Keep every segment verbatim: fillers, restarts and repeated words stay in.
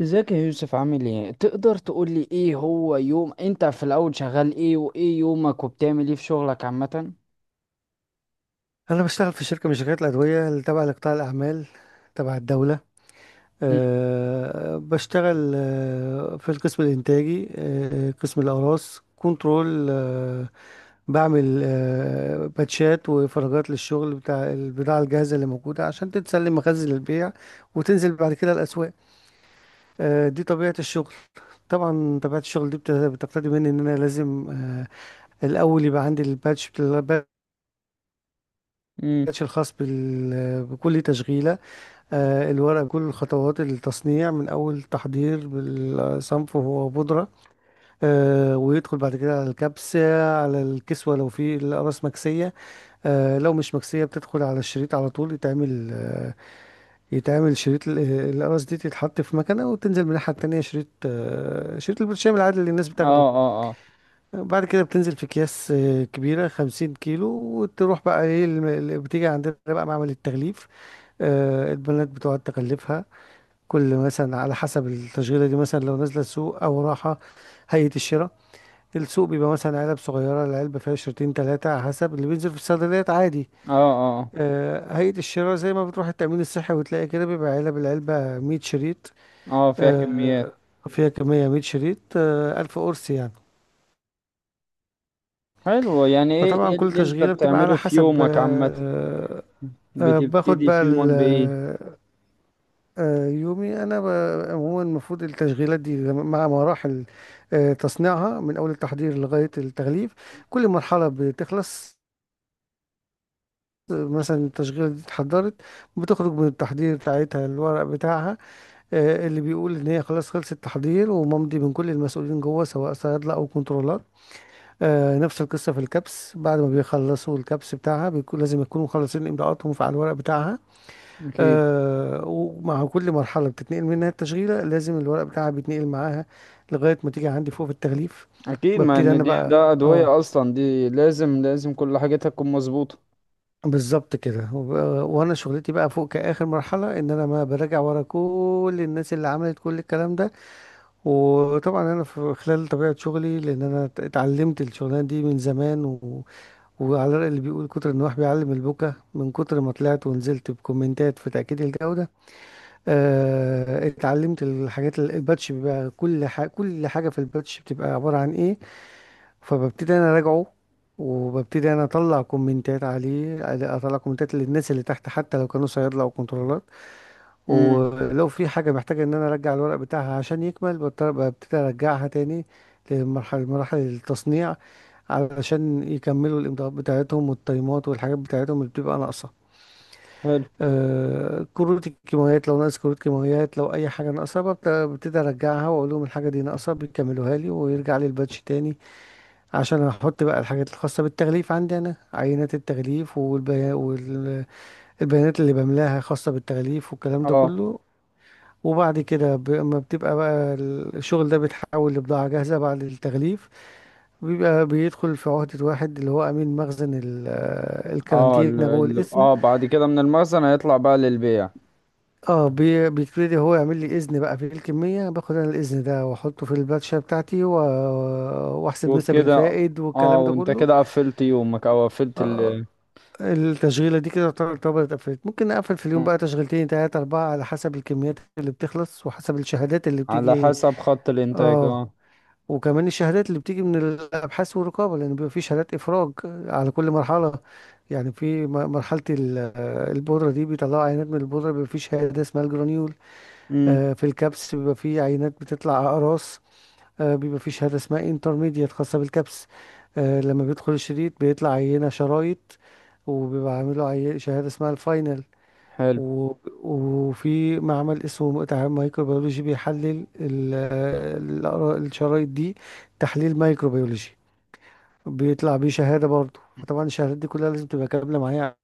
ازيك يا يوسف؟ عامل ايه؟ تقدر تقول لي ايه هو يوم انت في الاول شغال ايه وايه يومك وبتعمل ايه في شغلك عامة؟ أنا بشتغل في شركة من شركات الأدوية اللي تبع لقطاع الأعمال تبع الدولة. امم أه بشتغل آه، في القسم الإنتاجي، أه قسم الأقراص كنترول. أه بعمل أه باتشات وفراغات للشغل بتاع البضاعة الجاهزة اللي موجودة عشان تتسلم مخازن للبيع وتنزل بعد كده الأسواق. أه دي طبيعة الشغل. طبعا طبيعة الشغل دي بت- بتقتضي مني إن أنا لازم أه الأول يبقى عندي الباتش بتاع- الباتش امم الخاص بال- بكل تشغيلة. آه، الورق، كل خطوات التصنيع من أول تحضير بالصنف وهو بودرة، آه، ويدخل بعد كده على الكبسة، على الكسوة لو في الأقراص مكسية. آه، لو مش مكسية بتدخل على الشريط على طول، يتعمل آه، يتعمل شريط. ال- الأقراص دي تتحط في مكنة وتنزل من الناحية التانية شريط، آه، شريط البرشام العادي اللي الناس اه بتاخده. اه اه بعد كده بتنزل في أكياس آه، كبيرة، خمسين كيلو، وتروح بقى ايه الم- اللي بتيجي عندنا بقى معمل التغليف. آه، البنات بتقعد تغلفها. كل مثلا على حسب التشغيلة دي، مثلا لو نازلة سوق أو راحة هيئة الشراء، السوق بيبقى مثلا علب صغيرة، العلبة فيها شريطين تلاتة على حسب اللي بينزل في الصيدليات عادي. اه اه آه، هيئة الشراء زي ما بتروح التأمين الصحي وتلاقي كده، بيبقى علب، العلبة مية شريط. اه فيها كميات. آه، فيها كمية مية شريط، آه، ألف قرص يعني. حلو. يعني ايه فطبعا ايه كل اللي انت تشغيلة بتبقى على بتعمله في حسب يومك آه، عامة؟ آه، آه، باخد بتبتدي بقى في يومك بايه؟ آه، يومي انا ب- عموما، المفروض التشغيلات دي لما- مع مراحل آه، تصنيعها من اول التحضير لغايه التغليف. كل مرحله بتخلص، آه، مثلا التشغيله دي اتحضرت، بتخرج من التحضير بتاعتها الورق بتاعها آه، اللي بيقول ان هي خلاص خلصت التحضير وممضي من كل المسؤولين جوه، سواء صيادله او كنترولات. آه، نفس القصه في الكبس، بعد ما بيخلصوا الكبس بتاعها بيكون لازم يكونوا مخلصين امضاءاتهم على الورق بتاعها. اكيد، آه ومع كل مرحلة بتتنقل منها التشغيلة لازم الورق بتاعها بيتنقل معاها لغاية ما تيجي عندي فوق في التغليف. اكيد، ما ببتدي ان أنا دي بقى ده اه ادوية اصلا، دي لازم لازم كل حاجتها تكون مظبوطة. بالظبط كده. وب- وأنا شغلتي بقى فوق كآخر مرحلة إن أنا ما براجع ورا كل الناس اللي عملت كل الكلام ده. وطبعا أنا في خلال طبيعة شغلي، لأن أنا ات- اتعلمت الشغلانة دي من زمان و... وعلى الرأي اللي بيقول كتر النواح بيعلم البكا، من كتر ما طلعت ونزلت بكومنتات في تأكيد الجودة آه، اتعلمت الحاجات ال- الباتش بيبقى كل حاجة كل حاجة في الباتش بتبقى عبارة عن ايه. فببتدي انا اراجعه، وببتدي انا اطلع كومنتات عليه، اطلع كومنتات للناس اللي تحت حتى لو كانوا صيادله او كنترولات. امم ولو في حاجه محتاجه ان انا ارجع الورق بتاعها عشان يكمل بضطر- ببتدي ارجعها تاني لمرحله، مراحل التصنيع، علشان يكملوا الامضاءات بتاعتهم والتايمات والحاجات بتاعتهم اللي بتبقى ناقصه. حلو. آه، كروت الكيماويات، لو ناقص كروت كيماويات لو اي حاجه ناقصه ببت- ببتدي ارجعها واقول لهم الحاجه دي ناقصه، بيكملوها لي ويرجع لي الباتش تاني عشان احط بقى الحاجات الخاصه بالتغليف عندي انا، عينات التغليف والبيا- والبيانات اللي بملاها خاصه بالتغليف والكلام ده اه كله. وبعد كده ب- اما بتبقى بقى الشغل ده بيتحول لبضاعه جاهزه بعد التغليف، بيبقى بيدخل في عهده واحد اللي هو امين مخزن ال- آه، اه ال... الكارانتينا جوه ال... القسم. اه بعد كده من المخزن هيطلع بقى للبيع اه بي- بيبتدي هو يعمل لي اذن بقى في الكميه، باخد انا الاذن ده واحطه في الباتشه بتاعتي و- واحسب نسب وكده. الفائد اه، والكلام ده وانت كله. كده قفلت يومك او قفلت آه، ال... آه، التشغيله دي كده تعتبر تعتبر اتقفلت. ممكن نقفل في اليوم مم. بقى تشغيلتين، تلاته، اربعه، على حسب الكميات اللي بتخلص وحسب الشهادات اللي على بتيجي. حسب خط الانتاج اه، اه. وكمان الشهادات اللي بتيجي من الابحاث والرقابه، لان بيبقى في شهادات افراج على كل مرحله. يعني في م- مرحله ال- البودره دي بيطلعوا عينات من البودره، بيبقى في شهاده اسمها الجرانيول. امم آه، في الكبس بيبقى فيه عينات بتطلع أقراص، آه، بيبقى فيه شهادة اسمها انترميديت خاصة بالكبس. آه، لما بيدخل الشريط بيطلع عينة شرايط، وبيبقى عامله عي- شهادة اسمها الفاينل. حلو. و- وفي معمل اسمه تعامل مايكروبيولوجي بيحلل ال- آه، الأقرا- الشرايط دي، تحليل مايكروبيولوجي، بيطلع بيه شهادة برضه. فطبعا الشهادات دي كلها لازم تبقى كاملة معايا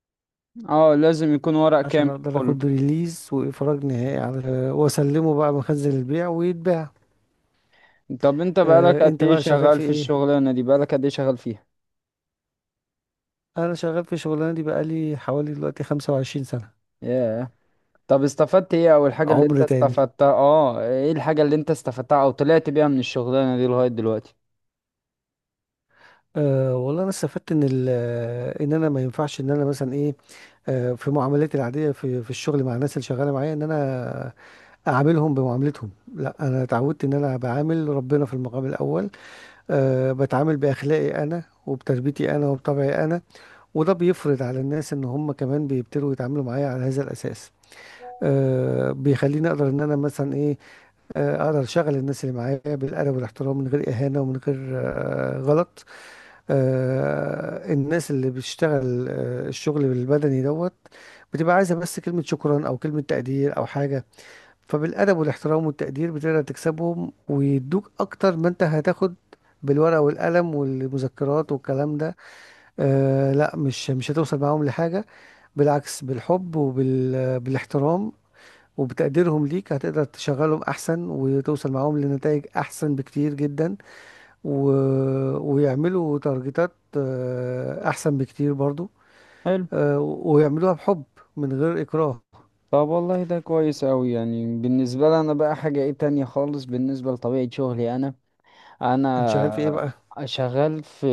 اه، لازم يكون ورق عشان كامل اقدر كله. اخد ريليز واخراج نهائي على واسلمه بقى مخزن البيع ويتباع. طب انت بقالك آه، قد انت ايه بقى شغال شغال في في ايه؟ الشغلانة دي؟ بقالك قد ايه شغال فيها انا شغال في الشغلانه دي بقالي حوالي دلوقتي خمسة وعشرين سنة سنه. ياه. طب استفدت ايه؟ اول حاجة اللي انت عمر تاني. استفدتها، اه ايه الحاجة اللي انت استفدتها او طلعت بيها من الشغلانة دي لغاية دلوقتي؟ أه والله انا استفدت ان ال- آه، ان انا ما ينفعش ان انا مثلا ايه، أه في معاملاتي العاديه في في الشغل مع الناس اللي شغاله معايا، ان انا اعاملهم بمعاملتهم. لا، انا اتعودت ان انا بعامل ربنا في المقام الاول. أه بتعامل باخلاقي انا وبتربيتي انا وبطبعي انا، وده بيفرض على الناس ان هم كمان بيبتدوا يتعاملوا معايا على هذا الاساس. أه بيخليني اقدر ان انا مثلا ايه، آه، اقدر اشغل الناس اللي معايا بالادب والاحترام، من غير اهانه ومن غير آه، غلط. آه، الناس اللي بتشتغل آه، الشغل البدني دوت بتبقى عايزه بس كلمه شكرا او كلمه تقدير او حاجه. فبالادب والاحترام والتقدير بتقدر تكسبهم ويدوك اكتر ما انت هتاخد بالورقه والقلم والمذكرات والكلام ده. آه لا، مش مش هتوصل معاهم لحاجه. بالعكس، بالحب وبالاحترام وبتقديرهم ليك هتقدر تشغلهم احسن وتوصل معاهم لنتائج احسن بكتير جدا و... ويعملوا تارجتات آه، احسن بكتير برضو، حلو. آه، ويعملوها بحب من غير اكراه. طب والله ده كويس اوي. يعني بالنسبة لي انا بقى حاجة ايه تانية خالص بالنسبة لطبيعة شغلي انا انت شغال في ايه انا بقى؟ شغال في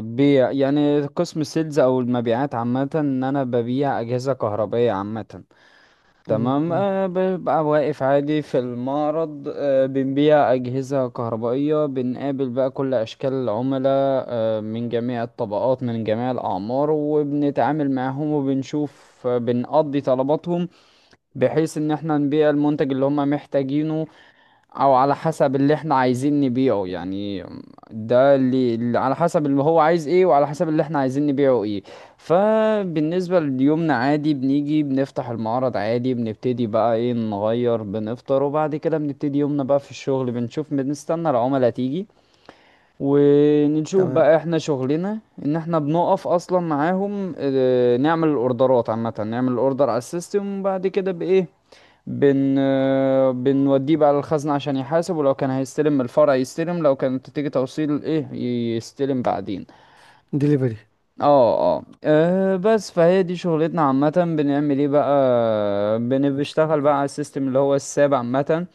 بيع، يعني قسم السيلز او المبيعات عامه، ان انا ببيع اجهزه كهربائيه عامه. م- تمام. م- أه، ببقى واقف عادي في المعرض، أه بنبيع اجهزه كهربائيه، بنقابل بقى كل اشكال العملاء، أه من جميع الطبقات، من جميع الاعمار، وبنتعامل معاهم وبنشوف آه، بنقضي طلباتهم، بحيث ان احنا نبيع المنتج اللي هم محتاجينه او على حسب اللي احنا عايزين نبيعه يعني. ده اللي اللي على حسب اللي هو عايز ايه وعلى حسب اللي احنا عايزين نبيعه ايه. فبالنسبة ليومنا عادي، بنيجي بنفتح المعرض عادي، بنبتدي بقى ايه، نغير، بنفطر، وبعد كده بنبتدي يومنا بقى في الشغل، بنشوف، بنستنى العملاء تيجي، ونشوف تمام. بقى احنا شغلنا ان احنا بنقف اصلا معاهم. اه، نعمل الاوردرات عامة، نعمل الاوردر على السيستم، وبعد كده بايه، بن آه، بنوديه بقى للخزنة عشان يحاسب. ولو كان هيستلم من الفرع يستلم، لو كانت تيجي توصيل ايه يستلم بعدين. ديليفري. اه اه آه، بس فهي دي شغلتنا عامة. بنعمل ايه بقى؟ بن- بنشتغل بقى على السيستم اللي هو الساب عامة.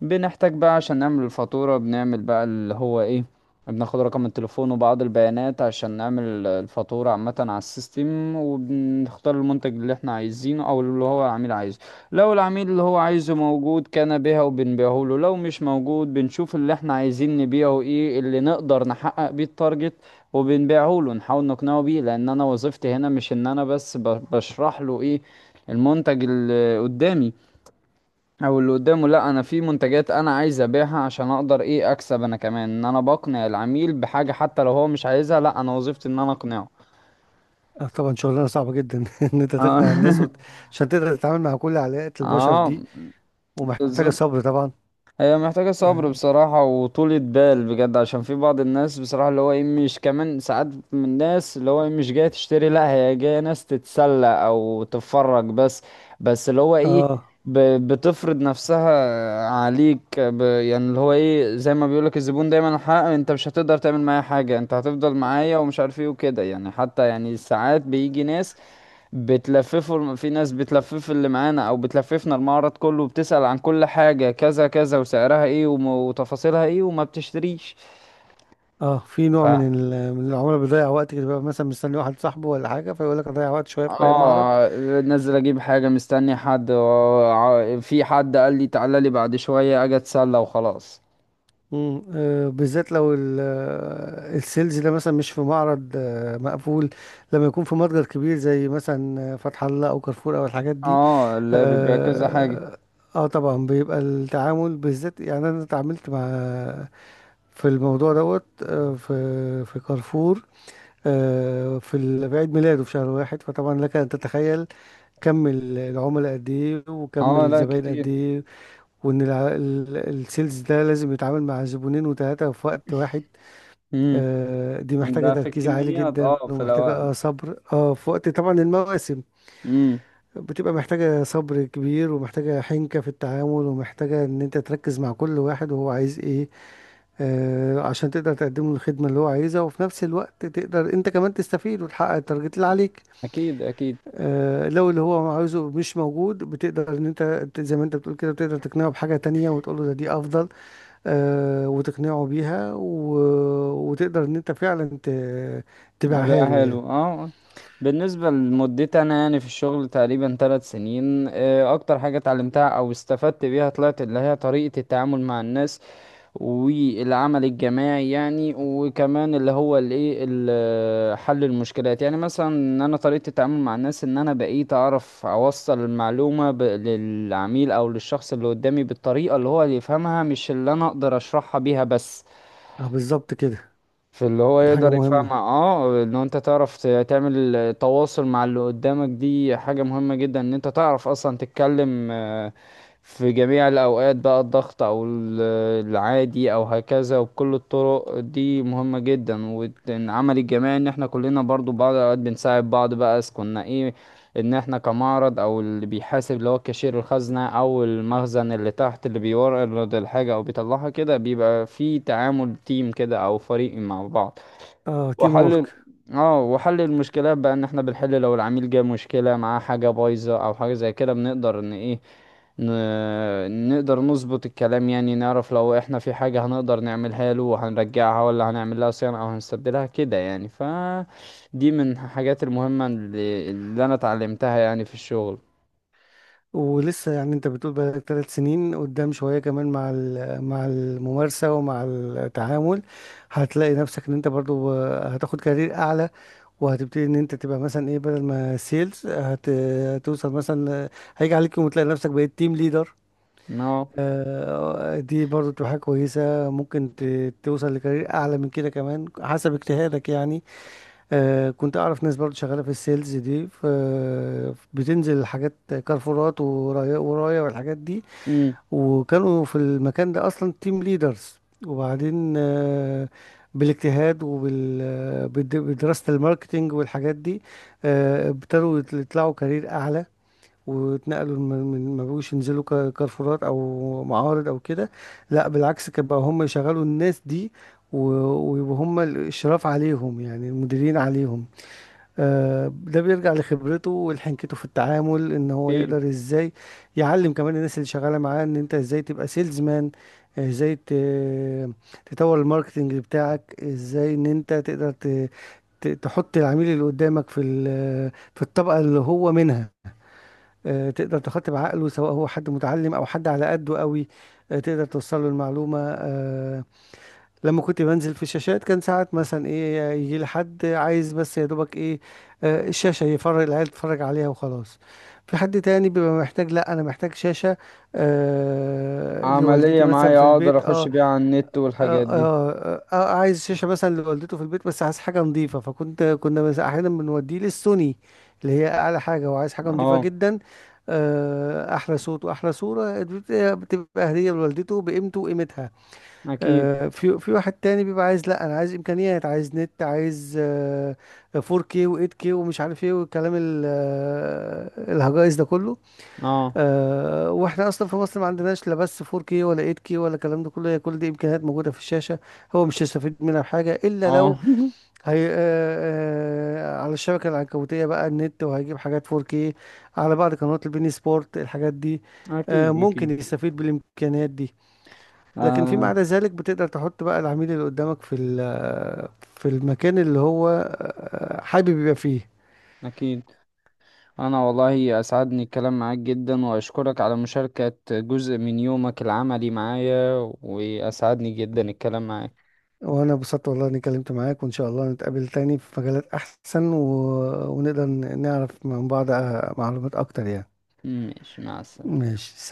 بنحتاج بقى عشان نعمل الفاتورة، بنعمل بقى اللي هو ايه، بناخد رقم التليفون وبعض البيانات عشان نعمل الفاتورة عامة على السيستم، وبنختار المنتج اللي احنا عايزينه او اللي هو العميل عايزه. لو العميل اللي هو عايزه موجود كان بيها وبنبيعه له، لو مش موجود بنشوف اللي احنا عايزين نبيعه ايه، اللي نقدر نحقق بيه التارجت وبنبيعه له، نحاول نقنعه بيه. لان انا وظيفتي هنا مش ان انا بس ب- بشرح له ايه المنتج اللي قدامي او اللي قدامه، لا انا في منتجات انا عايز ابيعها عشان اقدر ايه اكسب انا كمان، ان انا بقنع العميل بحاجة حتى لو هو مش عايزها، لا انا وظيفتي ان انا اقنعه. آه، طبعا شغلانه صعبه جدا ان انت تقنع الناس اه. وت... عشان تقدر تتعامل مع كل علاقات البشر آه، دي، ومحتاجه بالظبط. صبر طبعا. هي محتاجة صبر اه. بصراحة وطولة بال بجد، عشان في بعض الناس بصراحة اللي هو ايه مش كمان، ساعات من الناس اللي هو ايه مش جاية تشتري، لا هي جاية ناس تتسلى او تتفرج بس. بس اللي هو ايه آه. ب- بتفرض نفسها عليك ب، يعني اللي هو ايه زي ما بيقولك الزبون دايما الحق، انت مش هتقدر تعمل معايا حاجة، انت هتفضل معايا، ومش عارف ايه وكده يعني. حتى يعني ساعات بيجي ناس بتلففه، في ناس بتلفف اللي معانا او بتلففنا المعرض كله، وبتسأل عن كل حاجة كذا كذا، وسعرها ايه، وم- وتفاصيلها ايه، وما بتشتريش. اه، في نوع من ف... ال- من العملاء بيضيع وقت كده، بيبقى مثلا مستني واحد صاحبه ولا حاجه فيقول لك اضيع وقت شويه في اي معرض. اه، نزل اجيب حاجة مستني حد و- ع- في حد قال لي تعالى لي بعد شوية اجي اتسلى وخلاص. مم. آه بالذات لو ال- آه، السيلز ده مثلا مش في معرض آه مقفول، لما يكون في متجر كبير زي مثلا آه، فتح الله او كارفور او الحاجات دي. اه، اللي بيبيع كذا حاجة. اه, آه طبعا بيبقى التعامل بالذات، يعني انا اتعاملت مع في الموضوع دوت آه في في كارفور. آه، في ال- في عيد ميلاده في شهر واحد، فطبعا لك ان تتخيل كم ال- العملاء قد ايه وكم اه، لا الزباين قد كتير. ايه، وان الع- ال- السيلز ده لازم يتعامل مع زبونين وثلاثة في وقت واحد. امم آه، دي محتاجة ده في تركيز عالي الكميات، جدا اه في ومحتاجة الاوقات. آه، صبر، اه، في وقت طبعا المواسم امم بتبقى محتاجة صبر كبير، ومحتاجة حنكة في التعامل، ومحتاجة ان انت تركز مع كل واحد وهو عايز ايه. آه عشان تقدر تقدم له الخدمة اللي هو عايزها، وفي نفس الوقت تقدر انت كمان تستفيد وتحقق التارجت اللي عليك. اكيد اكيد. آه، لو اللي هو عاوزه مش موجود بتقدر ان انت ت- زي ما انت بتقول كده، بتقدر تقنعه بحاجة تانية وتقول له ده دي افضل، آه، وتقنعه بيها و... وتقدر ان انت فعلا ت... تبيعها بقى له حلو يعني. اه. بالنسبة لمدتي انا يعني في الشغل تقريبا ثلاث سنين، آه، اكتر حاجة اتعلمتها او استفدت بيها طلعت اللي هي طريقة التعامل مع الناس، والعمل الجماعي يعني، وكمان اللي هو الايه ال- حل المشكلات. يعني مثلا ان انا طريقة التعامل مع الناس، ان انا بقيت اعرف اوصل المعلومة ب- للعميل او للشخص اللي قدامي بالطريقة اللي هو اللي يفهمها، مش اللي انا اقدر اشرحها بيها بس. اه بالظبط كده. في اللي هو دي حاجة يقدر يفهم مهمة. اه. ان انت تعرف ت- تعمل تواصل مع اللي قدامك دي حاجة مهمة جدا، ان انت تعرف اصلا تتكلم آه، في جميع الاوقات بقى، الضغط او ال- العادي او هكذا، وبكل الطرق دي مهمة جدا. والعمل الجماعي ان احنا كلنا برضو بعض الاوقات بنساعد بعض بقى، إذا كنا ايه، ان احنا كمعرض او اللي بيحاسب اللي هو كاشير الخزنة، او المخزن اللي تحت اللي بيورد الحاجة او بيطلعها كده، بيبقى في تعامل تيم كده او فريق مع بعض. اه، تيم وحل وورك. اه وحل المشكلات بقى، ان احنا بنحل لو العميل جه مشكلة معاه حاجة بايظة او حاجة زي كده، بنقدر ان ايه ن... نقدر نظبط الكلام، يعني نعرف لو احنا في حاجة هنقدر نعملها له، وهنرجعها، ولا هنعمل لها صيانة، او هنستبدلها كده يعني. ف دي من الحاجات المهمة اللي, اللي انا اتعلمتها يعني في الشغل. ولسه يعني انت بتقول بقالك ثلاث سنين، قدام شوية كمان مع ال- مع الممارسة ومع التعامل هتلاقي نفسك ان انت برضو هتاخد كارير اعلى. وهتبتدي ان انت تبقى مثلا ايه، بدل ما سيلز هت... هتوصل مثلا، هيجي عليك يوم وتلاقي نفسك بقيت تيم ليدر. اه. آه، دي برضو تبقى حاجة كويسة، ممكن ت... توصل لكارير اعلى من كده كمان حسب اجتهادك يعني. آه كنت اعرف ناس برضو شغاله في السيلز دي، ف بتنزل الحاجات كارفورات ورايا ورايا والحاجات دي، امم وكانوا في المكان ده اصلا تيم ليدرز. وبعدين آه بالاجتهاد وبدراسه الماركتينج والحاجات دي آه ابتدوا يطل- يطلعوا كارير اعلى، واتنقلوا من من- ما بقوش ينزلوا كا- كارفورات او معارض او كده. لا بالعكس، كان بقى هم يشغلوا الناس دي و- وهم الاشراف عليهم، يعني المديرين عليهم. آه، ده بيرجع لخبرته ولحنكته في التعامل، ان هو في يقدر ازاي يعلم كمان الناس اللي شغاله معاه ان انت ازاي تبقى سيلز مان، ازاي ت- تطور الماركتنج بتاعك، ازاي ان انت تقدر ت- ت- تحط العميل اللي قدامك في ال- في الطبقه اللي هو منها. آه، تقدر تخاطب عقله سواء هو حد متعلم او حد على قده قوي، آه، تقدر توصل له المعلومه. آه، لما كنت بنزل في الشاشات كان ساعات مثلا ايه، يجي لي حد عايز بس يا دوبك ايه آه، الشاشة يفرج العيال تتفرج عليها وخلاص. في حد تاني بيبقى محتاج، لا انا محتاج شاشة آه لوالدتي عملية مثلا في معايا اقدر البيت. اخش اه. بيها على النت آه, والحاجات دي. آه, آه, آه عايز شاشة مثلا لوالدته في البيت بس عايز حاجة نظيفة، فكنت كنا مثلا احيانا بنوديه للسوني، اللي هي اعلى حاجة وعايز حاجة نظيفة اه جدا، آه احلى صوت واحلى صورة، بت- بتبقى هدية لوالدته بقيمته وقيمتها. اكيد. آه، في في واحد تاني بيبقى عايز، لا انا عايز امكانيات، عايز نت، عايز آه، فور كيه و8K ومش عارف ايه والكلام ال- آه، الهجائز ده كله. اه آه، واحنا اصلا في مصر ما عندناش لا بس فور كيه ولا إيت كيه ولا الكلام ده كله، هي كل دي امكانيات موجوده في الشاشه، هو مش هيستفيد منها بحاجه الا لو اه. هي آه، آه، على الشبكه العنكبوتيه بقى النت، وهيجيب حاجات فور كيه على بعض قنوات البين سبورت الحاجات دي. آه، اكيد ممكن اكيد. يستفيد بالامكانيات دي. لكن فيما آه، عدا ذلك بتقدر تحط بقى العميل اللي قدامك في ال- في المكان اللي هو آه، حابب يبقى فيه. أكيد. أنا والله أسعدني الكلام معاك جدا، وأشكرك على مشاركة جزء من يومك العملي معايا. وأسعدني جدا الكلام معاك. وانا انبسطت والله اني اتكلمت معاك، وان شاء الله نتقابل تاني في مجالات احسن و... ونقدر ن- نعرف من بعض آه، معلومات اكتر يعني. ماشي، مع السلامة. ماشي.